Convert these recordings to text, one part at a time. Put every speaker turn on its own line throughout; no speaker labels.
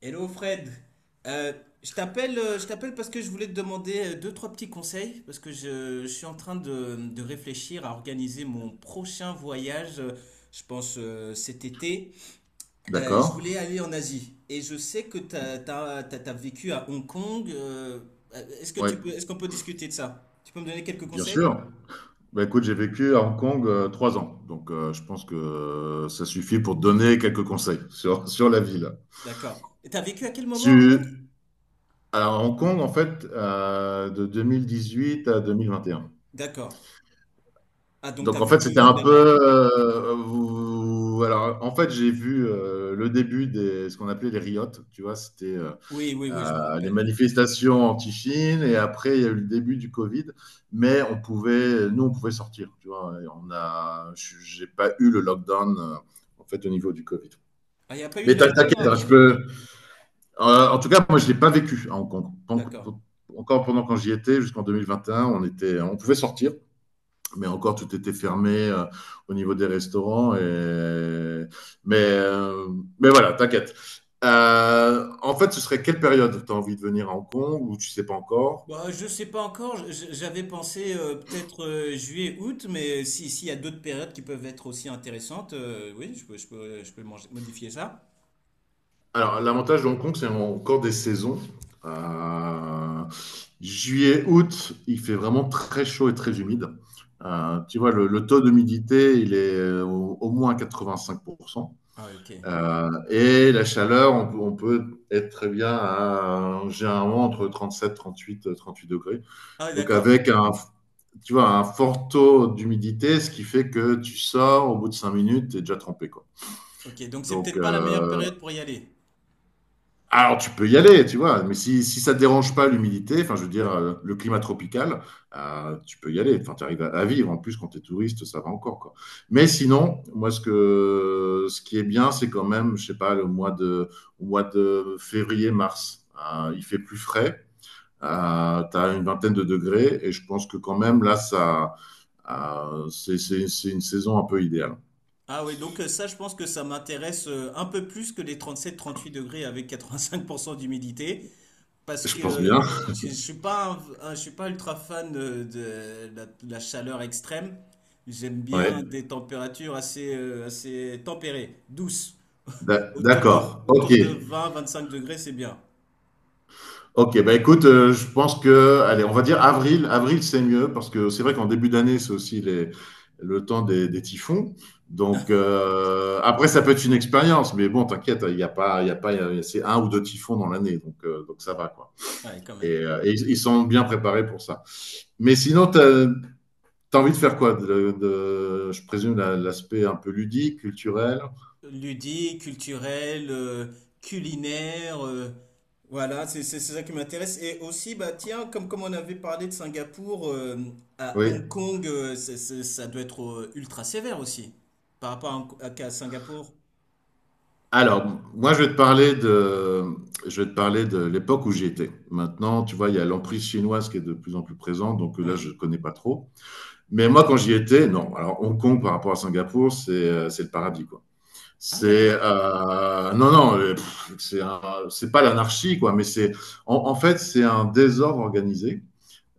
Hello Fred. Euh, je t'appelle parce que je voulais te demander deux, trois petits conseils, parce que je suis en train de réfléchir à organiser mon prochain voyage, je pense cet été. Je voulais
D'accord.
aller en Asie et je sais que t'as vécu à Hong Kong. Est-ce que
Oui,
tu peux, est-ce qu'on peut discuter de ça? Tu peux me donner quelques
bien
conseils?
sûr. Bah, écoute, j'ai vécu à Hong Kong 3 ans, donc je pense que ça suffit pour te donner quelques conseils sur, sur la ville.
D'accord. Et t'as vécu à quel moment à Hong
Tu...
Kong?
Alors, Hong Kong, en fait, de huit à 2021.
D'accord. Ah, donc t'as
Donc, en
vu le
fait, c'était
Covid
un peu...
là-bas?
euh, vous- Alors, en fait, j'ai vu le début des ce qu'on appelait les riots. Tu vois, c'était
Oui, oui, oui, je me
les
rappelle, ouais.
manifestations anti-Chine et après il y a eu le début du Covid, mais nous on pouvait sortir, tu vois. Et j'ai pas eu le lockdown en fait au niveau du Covid.
Ah, il n'y a pas eu
Mais
de lockdown
t'inquiète,
à
hein,
Hong
je
Kong?
peux. En tout cas, moi je l'ai pas vécu à Hong Kong.
D'accord.
Encore pendant quand j'y étais, jusqu'en 2021, on pouvait sortir mais encore tout était fermé au niveau des restaurants. Mais, euh, mais voilà, t'inquiète. En fait, ce serait quelle période? Tu as envie de venir à Hong Kong ou tu sais pas encore?
Bah, je sais pas encore. J'avais pensé peut-être juillet, août, mais si, s'il y a d'autres périodes qui peuvent être aussi intéressantes, oui, je peux modifier ça.
Alors, l'avantage de Hong Kong, c'est encore des saisons. Euh, juillet, août, il fait vraiment très chaud et très humide. Tu vois, le taux d'humidité, il est au moins 85%.
Ah, ok.
Et la chaleur, on peut être très bien à, généralement entre 37, 38, 38 degrés.
Ah,
Donc
d'accord.
avec tu vois, un fort taux d'humidité, ce qui fait que tu sors, au bout de 5 minutes, tu es déjà trempé, quoi.
Ok, donc c'est
Donc,
peut-être pas la meilleure période pour y aller.
alors tu peux y aller, tu vois, mais si ça te dérange pas l'humidité, enfin je veux dire le climat tropical, tu peux y aller, enfin tu arrives à vivre, en plus quand tu es touriste, ça va encore quoi. Mais sinon, moi ce qui est bien, c'est quand même, je sais pas, le mois de au mois de février, mars, il fait plus frais,
D'accord.
tu une vingtaine de degrés et je pense que quand même là ça c'est une saison un peu idéale.
Ah oui, donc ça, je pense que ça m'intéresse un peu plus que les 37 38 degrés avec 85% d'humidité. Parce
Je
que
pense bien.
je suis pas je suis pas ultra fan de la chaleur extrême. J'aime bien
Ouais.
des températures assez, assez tempérées, douces. Autour de,
D'accord. OK.
autour de 20-25 degrés, c'est bien.
Ok, bah écoute, je pense que, allez, on va dire avril. Avril, c'est mieux parce que c'est vrai qu'en début d'année, c'est aussi le temps des typhons. Donc, après, ça peut être une expérience, mais bon, t'inquiète, il n'y a pas, il y a pas, il y a- c'est un ou deux typhons dans l'année, donc ça va, quoi.
Ouais, quand
Et,
même.
euh, et ils sont bien préparés pour ça. Mais sinon, t'as envie de faire quoi? Je présume l'aspect un peu ludique, culturel.
Ludique, culturel, culinaire, voilà, c'est ça qui m'intéresse. Et aussi, bah tiens, comme on avait parlé de Singapour, à
Oui.
Hong Kong, ça doit être ultra sévère aussi, par rapport à, qu'à Singapour.
Alors, moi, je vais te parler de l'époque où j'y étais. Maintenant, tu vois, il y a l'emprise chinoise qui est de plus en plus présente, donc là,
Ouais.
je ne connais pas trop. Mais moi, quand j'y étais, non. Alors, Hong Kong par rapport à Singapour, c'est le paradis, quoi.
Ah
C'est
d'accord.
non, non, pff, c'est pas l'anarchie, quoi, mais c'est en fait, c'est un désordre organisé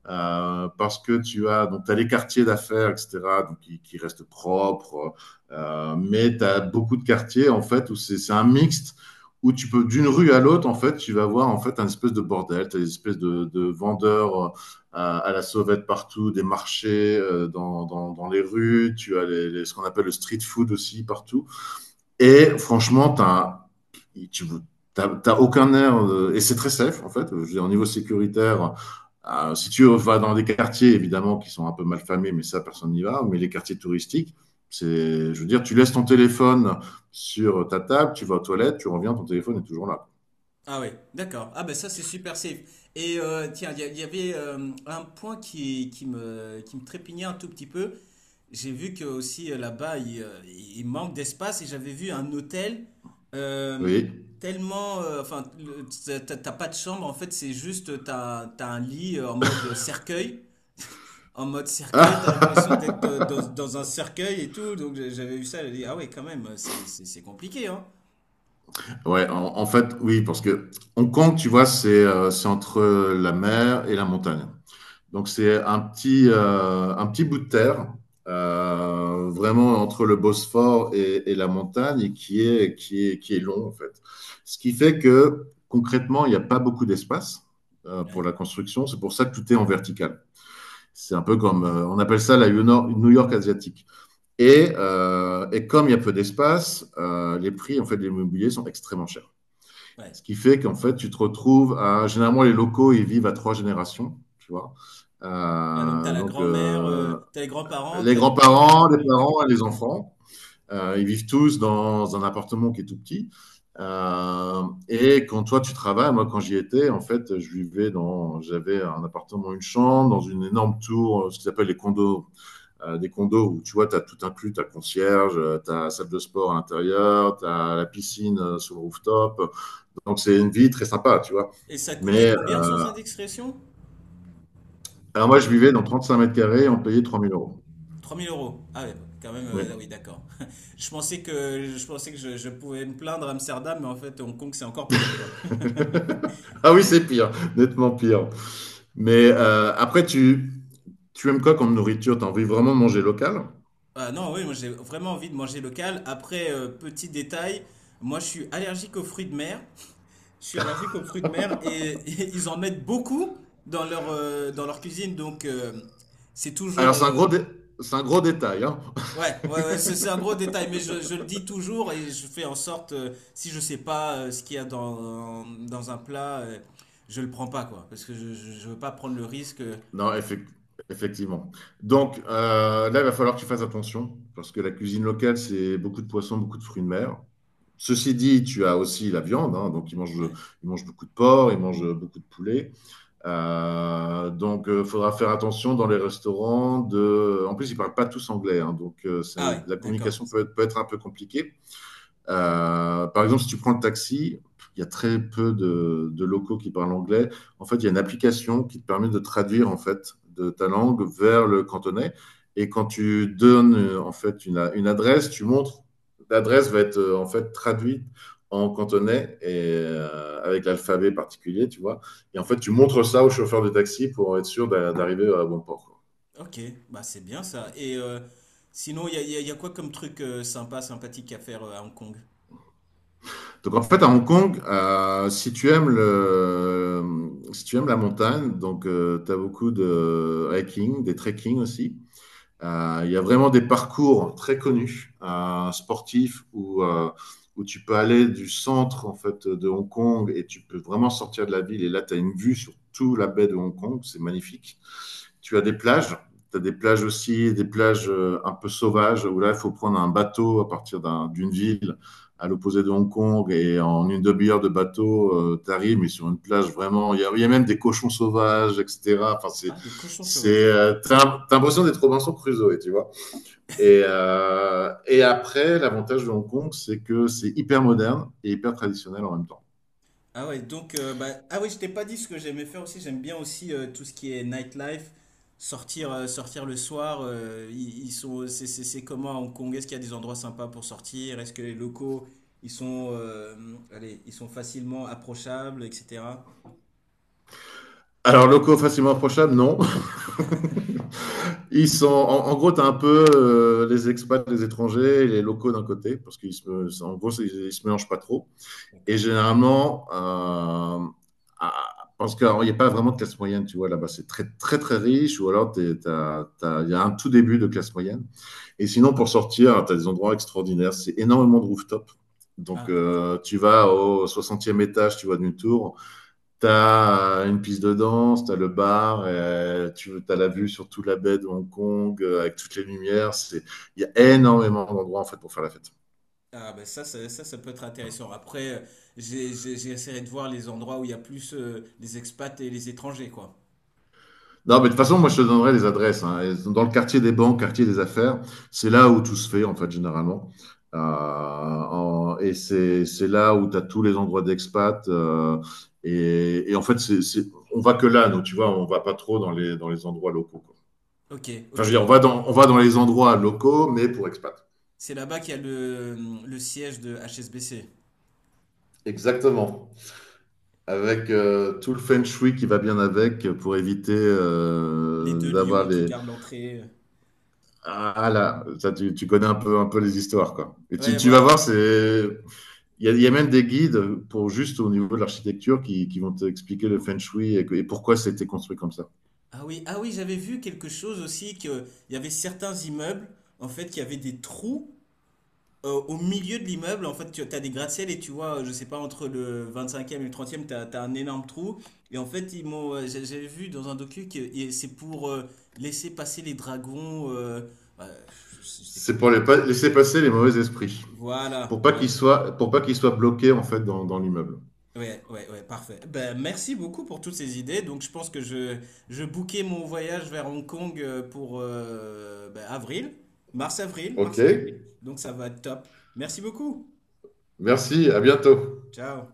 parce que tu as donc t'as les quartiers d'affaires, etc., donc qui restent propres, mais tu as beaucoup de quartiers en fait où c'est un mixte où tu peux d'une rue à l'autre en fait tu vas voir en fait un espèce de bordel, tu as des espèces de vendeurs à la sauvette partout, des marchés dans les rues, tu as ce qu'on appelle le street food aussi partout. Et franchement, tu t'as aucun air, et c'est très safe en fait. Je veux dire, au niveau sécuritaire, si tu vas dans des quartiers évidemment qui sont un peu mal famés, mais ça personne n'y va, mais les quartiers touristiques, c'est, je veux dire, tu laisses ton téléphone sur ta table, tu vas aux toilettes, tu reviens, ton téléphone est toujours là.
Ah oui, d'accord. Ah ben ça c'est super safe. Et tiens, il y avait un point qui me trépignait un tout petit peu. J'ai vu que aussi là-bas il manque d'espace et j'avais vu un hôtel euh,
Oui.
tellement, enfin, t'as pas de chambre en fait, c'est juste t'as un lit en mode cercueil, en mode cercueil. T'as l'impression d'être dans un cercueil et tout. Donc j'avais vu ça, j'ai dit ah ouais quand même, c'est compliqué hein.
Ouais, en fait, oui, parce que Hong Kong, tu vois, c'est entre la mer et la montagne. Donc c'est un petit bout de terre, vraiment entre le Bosphore et la montagne, et qui est long en fait. Ce qui fait que concrètement, il n'y a pas beaucoup d'espace pour
Ouais,
la construction. C'est pour ça que tout est en vertical. C'est un peu comme, on appelle ça la New York asiatique. Et comme il y a peu d'espace, les prix en fait de l'immobilier sont extrêmement chers.
ouais.
Ce qui fait qu'en fait, tu te retrouves à. Généralement, les locaux, ils vivent à trois générations, tu vois.
Ah, donc t'as la
Donc,
grand-mère, t'as les grands-parents,
les
t'as les parents et les
grands-parents, les
enfants.
parents et les enfants, ils vivent tous dans un appartement qui est tout petit. Et quand toi tu travailles, moi quand j'y étais, en fait, j'avais un appartement, une chambre, dans une énorme tour, ce qu'ils appellent les condos, des condos où tu vois, tu as tout inclus, tu as concierge, tu as salle de sport à l'intérieur, tu as la piscine sur le rooftop, donc, c'est une vie très sympa, tu vois.
Et ça coûtait
Mais
combien sans indexation?
alors, moi, je vivais dans 35 mètres carrés, on payait 3 000 euros.
3000 euros. Ah ouais, bon, quand même,
Oui.
ah oui, d'accord. Je pensais que je pouvais me plaindre à Amsterdam, mais en fait, Hong Kong, c'est encore pire, quoi.
Ah oui,
Ah
c'est pire, nettement pire. Mais après, tu aimes quoi comme nourriture? Tu as envie vraiment de manger local?
ah non, oui, moi j'ai vraiment envie de manger local. Après, petit détail, moi je suis allergique aux fruits de mer. Je suis allergique aux fruits de mer et, et ils en mettent beaucoup dans leur cuisine. Donc c'est toujours,
Alors, c'est un gros détail, hein.
Ouais, ouais, ouais, c'est un gros détail, mais je le dis toujours et je fais en sorte, si je sais pas ce qu'il y a dans, dans un plat, je le prends pas, quoi, parce que je veux pas prendre le risque. Euh.
Non, effectivement. Effectivement. Donc là, il va falloir que tu fasses attention parce que la cuisine locale, c'est beaucoup de poissons, beaucoup de fruits de mer. Ceci dit, tu as aussi la viande, hein, donc
Ouais.
ils mangent beaucoup de porc, ils mangent beaucoup de poulet. Donc, il faudra faire attention dans les restaurants. En plus, ils ne parlent pas tous anglais, hein, donc
Ah ouais,
la
d'accord.
communication peut être un peu compliquée. Par exemple, si tu prends le taxi, il y a très peu de locaux qui parlent anglais. En fait, il y a une application qui te permet de traduire en fait de ta langue vers le cantonais. Et quand tu donnes en fait une adresse, tu montres l'adresse va être en fait traduite en cantonais et avec l'alphabet particulier, tu vois. Et en
Ouais.
fait, tu montres ça au chauffeur de taxi pour être sûr d'arriver à bon port, quoi.
Ok, bah c'est bien ça. Et sinon, il y a quoi comme truc sympa, sympathique à faire à Hong Kong?
Donc en fait, à Hong Kong, si tu aimes la montagne, donc tu as beaucoup de hiking, des trekking aussi. Il y a vraiment des parcours très connus sportifs où tu peux aller du centre en fait de Hong Kong et tu peux vraiment sortir de la ville. Et là, tu as une vue sur toute la baie de Hong Kong, c'est magnifique. Tu as des plages, tu as des plages aussi, des plages un peu sauvages où là, il faut prendre un bateau à partir d'une ville à l'opposé de Hong Kong et en une demi-heure de bateau, tu mais sur une plage vraiment, il y a même des cochons sauvages, etc. Enfin,
Ah, des cochons
c'est,
sauvages.
t'as t'as l'impression d'être Robinson Crusoe, tu vois. Et après, l'avantage de Hong Kong, c'est que c'est hyper moderne et hyper traditionnel en même temps.
Ah ouais, donc, bah, ah oui, je t'ai pas dit ce que j'aimais faire aussi. J'aime bien aussi tout ce qui est nightlife, sortir, sortir le soir. Ils, ils sont, c'est- C'est comment à Hong Kong? Est-ce qu'il y a des endroits sympas pour sortir? Est-ce que les locaux, ils sont, allez, ils sont facilement approchables, etc.
Alors, locaux facilement approchables, non. Ils sont, en gros, t'as un peu les expats, les étrangers, et les locaux d'un côté, parce qu'ils se, en gros, ils se mélangent pas trop. Et
D'accord.
généralement, ah, parce qu'il n'y a pas vraiment de classe moyenne, tu vois, là-bas, c'est très, très, très riche, ou alors il y a un tout début de classe moyenne. Et sinon, pour sortir, tu as des endroits extraordinaires. C'est énormément de rooftop. Donc,
Ah, donc-
tu vas au 60e étage, tu vois, d'une tour. Tu as une piste de danse, tu as le bar, et tu as la vue sur toute la baie de Hong Kong avec toutes les lumières. Il y a énormément d'endroits, en fait, pour faire la fête.
ah ben ça peut être intéressant. Après, j'ai essayé de voir les endroits où il y a plus les expats et les étrangers, quoi.
Non, mais de toute façon, moi, je te donnerai les adresses, hein. Elles sont dans le quartier des banques, quartier des affaires, c'est là où tout se fait, en fait, généralement. Et c'est là où tu as tous les endroits d'expat, en fait, on va que là, nous, tu vois, on va pas trop dans dans les endroits locaux, quoi.
Ok,
Enfin,
ok.
je veux dire, on va dans les endroits locaux, mais pour expat.
C'est là-bas qu'il y a le siège de HSBC.
Exactement. Avec tout le feng shui qui va bien avec pour éviter
Les deux
d'avoir
lions qui
les,
gardent l'entrée.
Ah là, ça, tu connais un peu les histoires, quoi. Et
Ouais,
tu vas
voilà.
voir, c'est, il y a même des guides pour juste au niveau de l'architecture qui vont t'expliquer le feng shui et pourquoi c'était construit comme ça.
Ah oui, ah oui, j'avais vu quelque chose aussi que il y avait certains immeubles en fait qui avaient des trous au milieu de l'immeuble. En fait, tu as des gratte-ciel et tu vois, je sais pas entre le 25e et le 30e, e t'as as un énorme trou. Et en fait, ils m'ont j'avais vu dans un docu que et c'est pour laisser passer les dragons euh, je sais
C'est
plus
pour
exactement.
laisser passer les mauvais esprits,
Voilà, voilà.
pour pas qu'ils soient bloqués en fait dans l'immeuble.
Ouais, ouais, ouais, parfait. Ben, merci beaucoup pour toutes ces idées. Donc, je pense que je bookais mon voyage vers Hong Kong pour ben,
Ok,
mars-avril. Donc, ça va être top. Merci beaucoup.
merci, à bientôt.
Ciao.